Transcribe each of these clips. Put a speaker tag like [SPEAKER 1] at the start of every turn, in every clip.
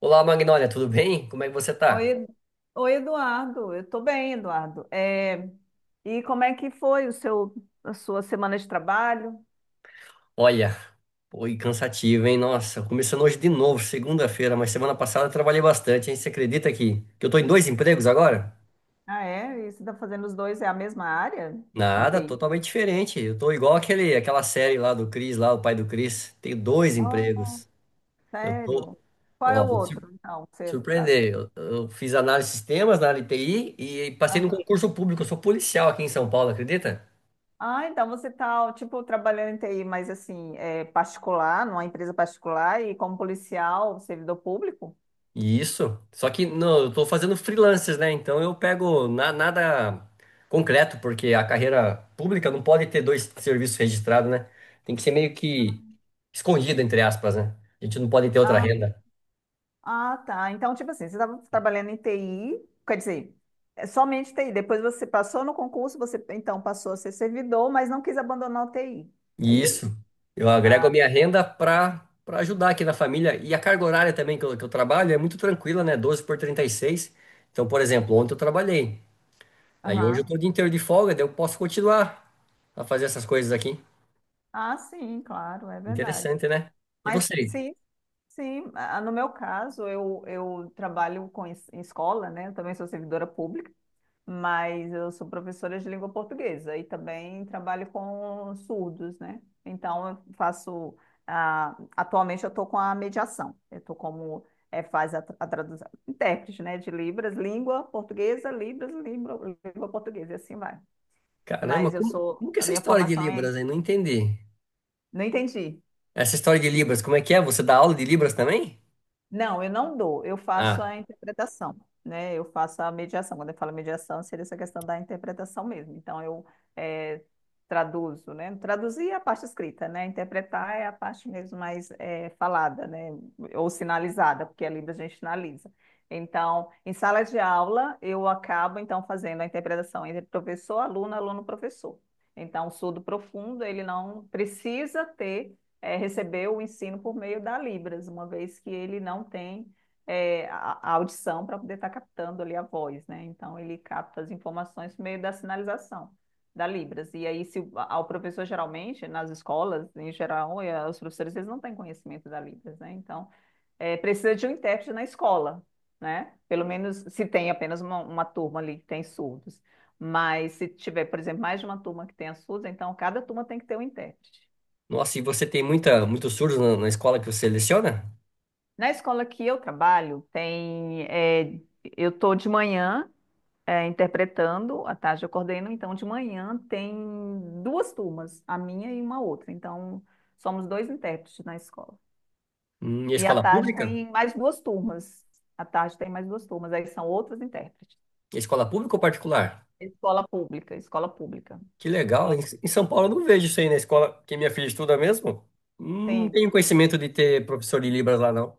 [SPEAKER 1] Olá, Magnólia, tudo bem? Como é que você
[SPEAKER 2] Oi,
[SPEAKER 1] tá?
[SPEAKER 2] Edu- Oi, Eduardo. Eu tô bem, Eduardo. E como é que foi a sua semana de trabalho?
[SPEAKER 1] Olha, foi cansativo, hein? Nossa, começando hoje de novo, segunda-feira, mas semana passada eu trabalhei bastante, hein? Você acredita que eu tô em dois empregos agora?
[SPEAKER 2] Ah, é? E você está fazendo os dois, é a mesma área?
[SPEAKER 1] Nada,
[SPEAKER 2] Entendi.
[SPEAKER 1] totalmente diferente. Eu tô igual aquela série lá do Chris, lá, o pai do Chris. Tenho dois
[SPEAKER 2] Oh,
[SPEAKER 1] empregos. Eu tô,
[SPEAKER 2] sério? Qual é
[SPEAKER 1] Ó,
[SPEAKER 2] o outro, então? Que você tá.
[SPEAKER 1] surpreender. Eu fiz análise de sistemas na área de TI e passei no
[SPEAKER 2] Aham.
[SPEAKER 1] concurso público. Eu sou policial aqui em São Paulo, acredita?
[SPEAKER 2] Ah, então você está, tipo, trabalhando em TI, mas assim, é particular, numa empresa particular e como policial, servidor público?
[SPEAKER 1] Isso. Só que não, eu tô fazendo freelances, né? Então nada concreto, porque a carreira pública não pode ter dois serviços registrados, né? Tem que ser meio que escondida, entre aspas, né? A gente não pode ter outra renda.
[SPEAKER 2] Ah, tá. Então, tipo assim, você estava trabalhando em TI, quer dizer, é somente TI. Depois você passou no concurso, você então passou a ser servidor, mas não quis abandonar o TI. É
[SPEAKER 1] E isso.
[SPEAKER 2] isso?
[SPEAKER 1] Eu agrego a
[SPEAKER 2] Ah,
[SPEAKER 1] minha renda para ajudar aqui na família. E a carga horária também que eu trabalho é muito tranquila, né? 12 por 36. Então, por exemplo, ontem eu trabalhei. Aí hoje eu tô
[SPEAKER 2] aham.
[SPEAKER 1] o dia inteiro de folga, daí eu posso continuar a fazer essas coisas aqui.
[SPEAKER 2] Ah, sim, claro, é verdade.
[SPEAKER 1] Interessante, né? E
[SPEAKER 2] Mas
[SPEAKER 1] você?
[SPEAKER 2] sim, sim. No meu caso, eu trabalho em escola, né? Eu também sou servidora pública. Mas eu sou professora de língua portuguesa e também trabalho com surdos, né? Então, eu faço. Atualmente, eu estou com a mediação. Eu estou como. É, faz a tradução, intérprete, né, de Libras, língua portuguesa, Libras, língua portuguesa, e assim vai.
[SPEAKER 1] Caramba,
[SPEAKER 2] Mas eu sou,
[SPEAKER 1] como que é
[SPEAKER 2] a
[SPEAKER 1] essa
[SPEAKER 2] minha
[SPEAKER 1] história de
[SPEAKER 2] formação é,
[SPEAKER 1] Libras aí? Não entendi.
[SPEAKER 2] não entendi.
[SPEAKER 1] Essa história de Libras, como é que é? Você dá aula de Libras também?
[SPEAKER 2] Não, eu não dou, eu faço
[SPEAKER 1] Ah,
[SPEAKER 2] a interpretação, né? Eu faço a mediação. Quando eu falo mediação, seria essa questão da interpretação mesmo. Então, eu eh, traduzo, né? Traduzir é a parte escrita, né? Interpretar é a parte mesmo mais falada, né? Ou sinalizada, porque a língua a gente sinaliza. Então, em sala de aula, eu acabo, então, fazendo a interpretação entre professor, aluno, aluno, professor. Então, o surdo profundo, ele não precisa ter recebeu o ensino por meio da Libras, uma vez que ele não tem a audição para poder estar tá captando ali a voz, né? Então ele capta as informações por meio da sinalização da Libras. E aí, se o- ao professor geralmente, nas escolas, em geral, os professores eles não têm conhecimento da Libras, né? Então, precisa de um intérprete na escola, né? Pelo menos se tem apenas uma turma ali que tem surdos. Mas se tiver, por exemplo, mais de uma turma que tenha surdos, então cada turma tem que ter um intérprete.
[SPEAKER 1] nossa, e você tem muitos surdos na escola que você leciona?
[SPEAKER 2] Na escola que eu trabalho, tem, é, eu estou de manhã, é, interpretando, à tarde eu coordeno, então de manhã tem duas turmas, a minha e uma outra. Então, somos dois intérpretes na escola.
[SPEAKER 1] E a
[SPEAKER 2] E à
[SPEAKER 1] escola
[SPEAKER 2] tarde
[SPEAKER 1] pública?
[SPEAKER 2] tem mais duas turmas. À tarde tem mais duas turmas, aí são outros intérpretes.
[SPEAKER 1] E a escola pública ou particular?
[SPEAKER 2] Escola pública, escola pública.
[SPEAKER 1] Que legal.
[SPEAKER 2] Escola.
[SPEAKER 1] Em São Paulo eu não vejo isso aí na escola que minha filha estuda mesmo. Não
[SPEAKER 2] Sim.
[SPEAKER 1] tenho conhecimento de ter professor de Libras lá, não.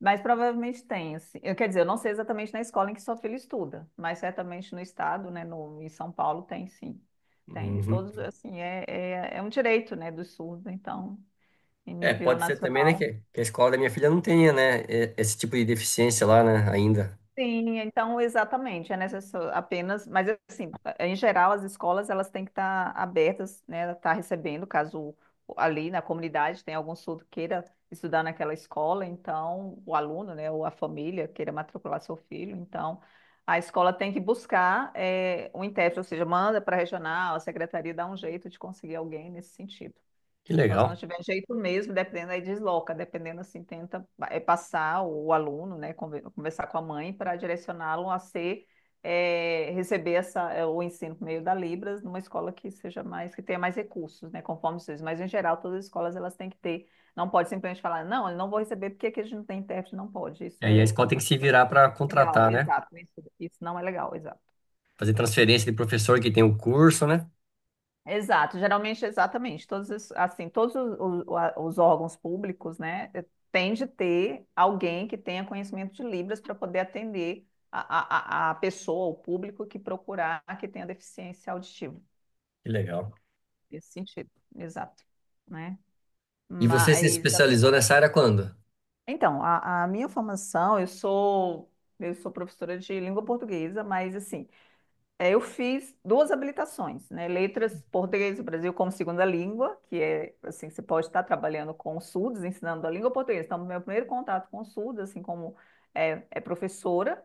[SPEAKER 2] Mas provavelmente tem, assim. Eu quer dizer, eu não sei exatamente na escola em que sua filha estuda, mas certamente no estado, né, no, em São Paulo tem sim. Tem.
[SPEAKER 1] Uhum.
[SPEAKER 2] Todos, assim, é um direito, né, dos surdos, então, em
[SPEAKER 1] É,
[SPEAKER 2] nível
[SPEAKER 1] pode ser também, né,
[SPEAKER 2] nacional.
[SPEAKER 1] que a escola da minha filha não tenha, né, esse tipo de deficiência lá, né, ainda.
[SPEAKER 2] Sim, então exatamente, é necessário apenas, mas assim, em geral as escolas elas têm que estar abertas, né, estar recebendo, caso ali na comunidade tenha algum surdo queira estudar naquela escola, então o aluno, né, ou a família queira matricular seu filho, então a escola tem que buscar um intérprete, ou seja, manda para a regional, a secretaria dá um jeito de conseguir alguém nesse sentido.
[SPEAKER 1] Que
[SPEAKER 2] Então, se
[SPEAKER 1] legal.
[SPEAKER 2] não tiver jeito mesmo, dependendo, aí desloca, dependendo assim, tenta passar o aluno, né, conversar com a mãe para direcioná-lo a ser, receber essa, o ensino por meio da Libras numa escola que seja mais, que tenha mais recursos, né, conforme vocês. Mas, em geral, todas as escolas, elas têm que ter, não pode simplesmente falar, não, eu não vou receber porque aqui a gente não tem intérprete, não pode. Isso
[SPEAKER 1] Aí a
[SPEAKER 2] é
[SPEAKER 1] escola tem que se
[SPEAKER 2] completamente
[SPEAKER 1] virar para
[SPEAKER 2] legal,
[SPEAKER 1] contratar, né?
[SPEAKER 2] exato, isso não é legal, exato.
[SPEAKER 1] Fazer transferência de professor que tem o curso, né?
[SPEAKER 2] Exato, geralmente, exatamente, todos, assim, todos os, os órgãos públicos, né, tem de ter alguém que tenha conhecimento de Libras para poder atender a pessoa, o público que procurar que tenha deficiência auditiva,
[SPEAKER 1] Que legal.
[SPEAKER 2] nesse sentido, exato, né,
[SPEAKER 1] E você se
[SPEAKER 2] mas,
[SPEAKER 1] especializou nessa área quando?
[SPEAKER 2] então, a minha formação, eu sou professora de língua portuguesa, mas, assim, é, eu fiz duas habilitações, né? Letras, português do Brasil como segunda língua, que é, assim, você pode estar trabalhando com o SUDES, ensinando a língua portuguesa. Então, meu primeiro contato com o SUDES, assim como é professora,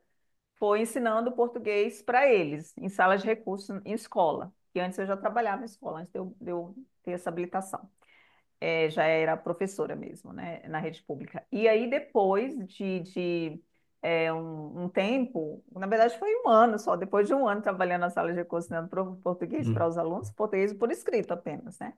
[SPEAKER 2] foi ensinando português para eles, em salas de recursos, em escola. Que antes eu já trabalhava em escola, antes de eu ter essa habilitação já era professora mesmo, né, na rede pública. E aí, depois de um tempo, na verdade foi um ano só, depois de um ano trabalhando na sala de recursos ensinando português para
[SPEAKER 1] Hum,
[SPEAKER 2] os alunos, português por escrito apenas, né,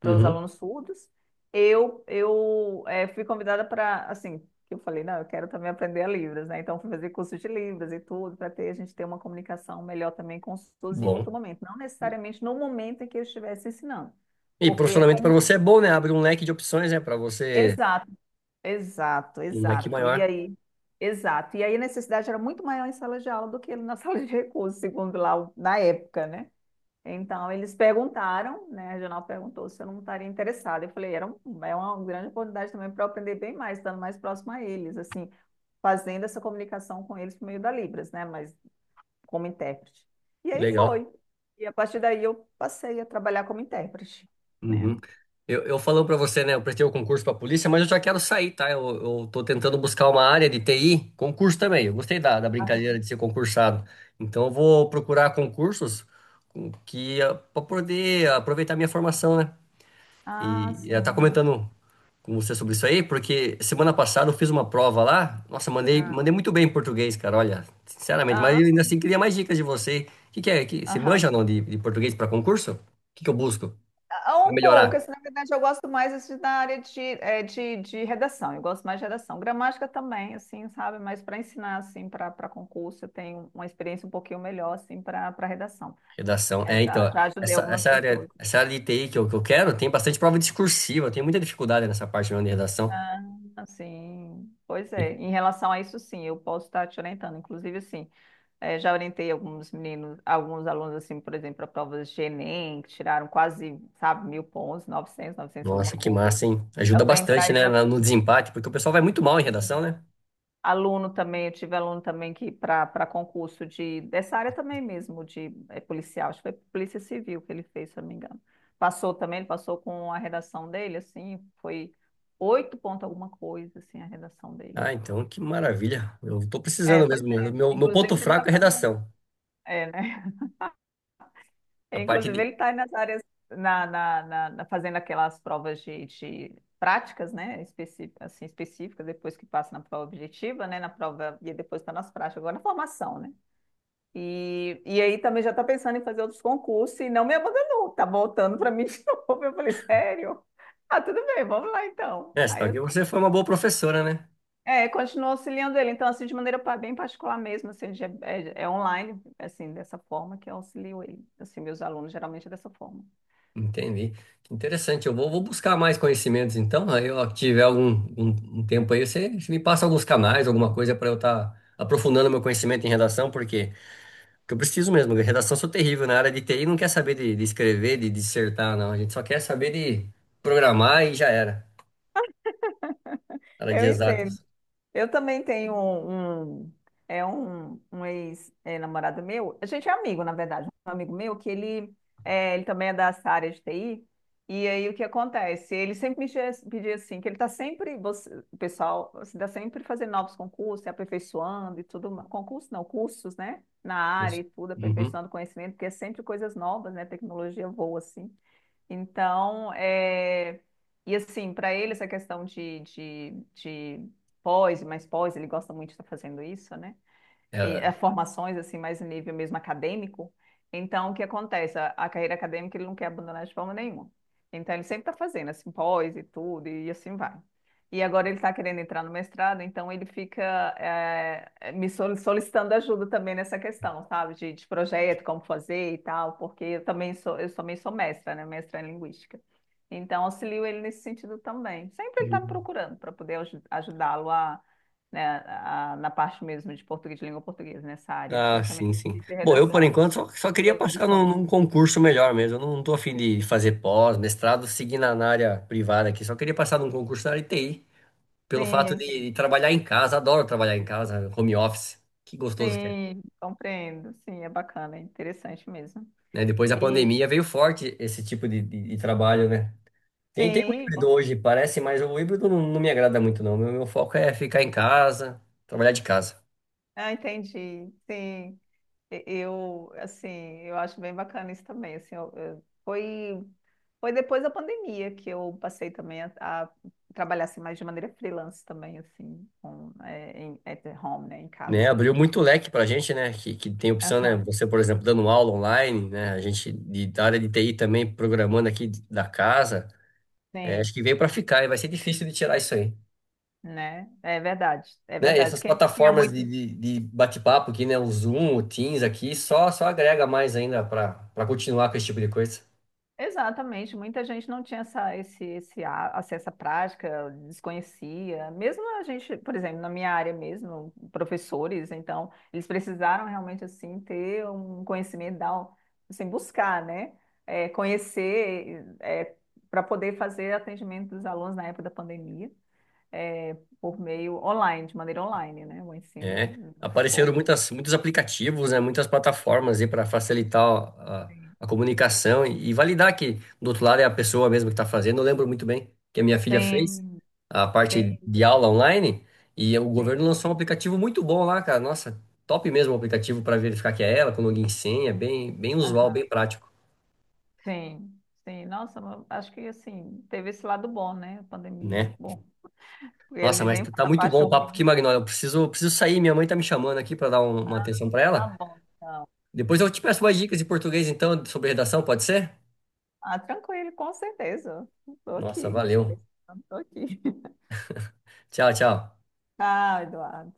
[SPEAKER 2] para os
[SPEAKER 1] Uhum.
[SPEAKER 2] alunos surdos, eu fui convidada para, assim, que eu falei, não, eu quero também aprender a Libras, né, então fui fazer curso de Libras e tudo, para ter, a gente ter uma comunicação melhor também com os surdos em outro
[SPEAKER 1] Bom.
[SPEAKER 2] momento, não necessariamente no momento em que eu estivesse ensinando,
[SPEAKER 1] E
[SPEAKER 2] porque é
[SPEAKER 1] profissionalmente para
[SPEAKER 2] como.
[SPEAKER 1] você é bom, né? Abre um leque de opções, né? Para você,
[SPEAKER 2] Exato. Exato,
[SPEAKER 1] um leque
[SPEAKER 2] exato. E
[SPEAKER 1] maior.
[SPEAKER 2] aí, exato. E aí a necessidade era muito maior em sala de aula do que na sala de recursos, segundo lá na época, né? Então eles perguntaram, né? A regional perguntou se eu não estaria interessada. Eu falei, é uma grande oportunidade também para eu aprender bem mais, estando mais próximo a eles, assim, fazendo essa comunicação com eles por meio da Libras, né? Mas como intérprete. E aí
[SPEAKER 1] Legal.
[SPEAKER 2] foi. E a partir daí eu passei a trabalhar como intérprete, né?
[SPEAKER 1] Uhum. Eu falando para você, né? Eu prestei o concurso para polícia, mas eu já quero sair, tá? Eu tô tentando buscar uma área de TI, concurso também. Eu gostei da brincadeira de ser concursado. Então eu vou procurar concursos com- que para poder aproveitar minha formação, né?
[SPEAKER 2] Ah,
[SPEAKER 1] E ela tá
[SPEAKER 2] sim.
[SPEAKER 1] comentando com você sobre isso aí, porque semana passada eu fiz uma prova lá. Nossa,
[SPEAKER 2] Ah,
[SPEAKER 1] mandei muito bem em português, cara, olha, sinceramente. Mas
[SPEAKER 2] ah,
[SPEAKER 1] eu ainda assim queria mais dicas de você. O que, que é? Que, você
[SPEAKER 2] aham.
[SPEAKER 1] manja ou não de português para concurso? O que que eu busco
[SPEAKER 2] Ah,
[SPEAKER 1] para
[SPEAKER 2] um pouco,
[SPEAKER 1] melhorar?
[SPEAKER 2] assim, na verdade eu gosto mais assim, da área de redação, eu gosto mais de redação. Gramática também, assim, sabe? Mas para ensinar, assim, para concurso, eu tenho uma experiência um pouquinho melhor, assim, para redação.
[SPEAKER 1] Redação.
[SPEAKER 2] É,
[SPEAKER 1] É, então,
[SPEAKER 2] já,
[SPEAKER 1] ó,
[SPEAKER 2] já ajudei algumas pessoas.
[SPEAKER 1] essa área de TI que eu quero tem bastante prova discursiva, eu tenho muita dificuldade nessa parte não, de redação.
[SPEAKER 2] Ah, assim, pois
[SPEAKER 1] E,
[SPEAKER 2] é. Em relação a isso, sim, eu posso estar te orientando. Inclusive, assim, já orientei alguns meninos, alguns alunos, assim, por exemplo, para provas de Enem, que tiraram quase, sabe, mil pontos, 900, 900 alguma
[SPEAKER 1] Nossa, que
[SPEAKER 2] coisa.
[SPEAKER 1] massa, hein? Ajuda
[SPEAKER 2] Também para,
[SPEAKER 1] bastante, né, no desempate, porque o pessoal vai muito mal em redação, né?
[SPEAKER 2] aluno também, eu tive aluno também que para concurso de dessa área também mesmo, de policial, acho que foi Polícia Civil que ele fez, se eu não me engano. Passou também, ele passou com a redação dele, assim, foi oito ponto alguma coisa, assim, a redação dele.
[SPEAKER 1] Ah, então que maravilha. Eu tô
[SPEAKER 2] É,
[SPEAKER 1] precisando
[SPEAKER 2] pois
[SPEAKER 1] mesmo. Meu,
[SPEAKER 2] é.
[SPEAKER 1] meu meu
[SPEAKER 2] Inclusive
[SPEAKER 1] ponto
[SPEAKER 2] ele está
[SPEAKER 1] fraco é
[SPEAKER 2] fazendo,
[SPEAKER 1] redação.
[SPEAKER 2] né?
[SPEAKER 1] A parte
[SPEAKER 2] Inclusive
[SPEAKER 1] de,
[SPEAKER 2] ele está nas áreas, fazendo aquelas provas de práticas, né? Específicas, assim, específicas, depois que passa na prova objetiva, né? Na prova, e depois está nas práticas, agora na formação, né? E aí também já está pensando em fazer outros concursos e não me abandonou, tá voltando para mim de novo. Eu falei, sério? Ah, tudo bem, vamos lá então.
[SPEAKER 1] É, você
[SPEAKER 2] Aí
[SPEAKER 1] tá,
[SPEAKER 2] eu
[SPEAKER 1] você foi uma boa professora, né?
[SPEAKER 2] é, continuo auxiliando ele, então assim, de maneira bem particular mesmo, assim, é online, assim, dessa forma que eu auxilio ele. Assim, meus alunos geralmente é dessa forma.
[SPEAKER 1] Entendi. Que interessante. Vou buscar mais conhecimentos, então. Aí, ó, tiver algum um tempo aí, você me passa alguns canais, alguma coisa para eu estar aprofundando meu conhecimento em redação, porque eu preciso mesmo. De redação eu sou terrível. Na área de TI não quer saber de escrever, de dissertar, não. A gente só quer saber de programar e já era. Área de
[SPEAKER 2] Eu entendo.
[SPEAKER 1] exatas.
[SPEAKER 2] Eu também tenho um ex-namorado meu, a gente é amigo, na verdade, um amigo meu que ele também é dessa área de TI, e aí o que acontece? Ele sempre me pedia assim, que ele está sempre, o pessoal está sempre fazendo novos concursos, se aperfeiçoando e tudo, concursos não, cursos, né, na área
[SPEAKER 1] Isso.
[SPEAKER 2] e tudo,
[SPEAKER 1] Uhum.
[SPEAKER 2] aperfeiçoando conhecimento, porque é sempre coisas novas, né, tecnologia voa assim. Então, é. E assim, para ele essa questão de pós, e mais pós, ele gosta muito de estar fazendo isso, né? e,
[SPEAKER 1] É,
[SPEAKER 2] é, formações assim mais em nível mesmo acadêmico. Então, o que acontece? A carreira acadêmica ele não quer abandonar de forma nenhuma. Então, ele sempre está fazendo assim pós e tudo e assim vai. E agora ele está querendo entrar no mestrado, então ele fica me solicitando ajuda também nessa questão, sabe? De projeto, como fazer e tal, porque eu também sou mestra, né? Mestra em linguística. Então, auxilio ele nesse sentido também. Sempre ele está me procurando para poder ajudá-lo a, né, na parte mesmo de português, de língua portuguesa, nessa área,
[SPEAKER 1] ah,
[SPEAKER 2] principalmente
[SPEAKER 1] sim, sim.
[SPEAKER 2] de
[SPEAKER 1] Bom, eu por
[SPEAKER 2] redação,
[SPEAKER 1] enquanto só queria passar
[SPEAKER 2] produção.
[SPEAKER 1] num concurso melhor mesmo. Eu não, não tô afim de fazer pós, mestrado, seguir na área privada aqui. Só queria passar num concurso na área de TI, pelo fato
[SPEAKER 2] Sim,
[SPEAKER 1] de trabalhar em casa. Adoro trabalhar em casa, home office. Que gostoso que é,
[SPEAKER 2] sim, compreendo. Sim, é bacana, é interessante mesmo.
[SPEAKER 1] né? Depois da
[SPEAKER 2] E
[SPEAKER 1] pandemia veio forte esse tipo de de trabalho, né? Tem o
[SPEAKER 2] sim,
[SPEAKER 1] híbrido hoje, parece, mas o híbrido não me agrada muito, não. Meu foco é ficar em casa, trabalhar de casa.
[SPEAKER 2] entendi. Sim, eu, assim, eu acho bem bacana isso também. Assim, foi depois da pandemia que eu passei também a trabalhar assim, mais de maneira freelance também, assim, com, em, at home, né, em
[SPEAKER 1] Né,
[SPEAKER 2] casa.
[SPEAKER 1] abriu muito leque para a gente, né? Que tem opção, né?
[SPEAKER 2] Aham,
[SPEAKER 1] Você, por exemplo, dando aula online, né? A gente da área de TI também programando aqui da casa. É,
[SPEAKER 2] sim.
[SPEAKER 1] acho que veio para ficar e vai ser difícil de tirar isso aí.
[SPEAKER 2] Né? É verdade, é
[SPEAKER 1] Né? E
[SPEAKER 2] verdade.
[SPEAKER 1] essas
[SPEAKER 2] Quem tinha
[SPEAKER 1] plataformas
[SPEAKER 2] muito.
[SPEAKER 1] de bate-papo aqui, né? O Zoom, o Teams aqui, só agrega mais ainda para continuar com esse tipo de coisa.
[SPEAKER 2] Exatamente, muita gente não tinha essa, esse, a- assim, essa prática, desconhecia. Mesmo a gente, por exemplo, na minha área mesmo, professores, então, eles precisaram realmente, assim, ter um conhecimento, assim, buscar, né? É, conhecer, para poder fazer atendimento dos alunos na época da pandemia, é, por meio online, de maneira online, né? O ensino
[SPEAKER 1] É,
[SPEAKER 2] dessa
[SPEAKER 1] apareceram
[SPEAKER 2] forma.
[SPEAKER 1] muitos aplicativos, né, muitas plataformas aí para facilitar a,
[SPEAKER 2] Sim,
[SPEAKER 1] a comunicação e validar que do outro lado é a pessoa mesmo que está fazendo. Eu lembro muito bem que a minha filha fez
[SPEAKER 2] sim,
[SPEAKER 1] a parte
[SPEAKER 2] sim.
[SPEAKER 1] de aula online e o
[SPEAKER 2] Sim.
[SPEAKER 1] governo lançou um aplicativo muito bom lá, cara. Nossa, top mesmo o aplicativo para verificar que é ela, com login e senha, bem, bem usual,
[SPEAKER 2] Aham.
[SPEAKER 1] bem prático,
[SPEAKER 2] Sim, sim. Nossa, mas acho que assim, teve esse lado bom, né? A pandemia.
[SPEAKER 1] né?
[SPEAKER 2] Bom, porque a
[SPEAKER 1] Nossa,
[SPEAKER 2] gente
[SPEAKER 1] mas
[SPEAKER 2] nem fala
[SPEAKER 1] tá
[SPEAKER 2] da
[SPEAKER 1] muito
[SPEAKER 2] parte
[SPEAKER 1] bom o papo aqui,
[SPEAKER 2] ruim.
[SPEAKER 1] Magnólia. Eu preciso, preciso sair, minha mãe tá me chamando aqui para dar um- uma atenção para
[SPEAKER 2] Tá
[SPEAKER 1] ela.
[SPEAKER 2] bom, então.
[SPEAKER 1] Depois eu te peço mais dicas de português, então, sobre redação, pode ser?
[SPEAKER 2] Ah, tranquilo, com certeza. Tô
[SPEAKER 1] Nossa,
[SPEAKER 2] aqui.
[SPEAKER 1] valeu.
[SPEAKER 2] Tô aqui.
[SPEAKER 1] Tchau, tchau.
[SPEAKER 2] Ah, Eduardo.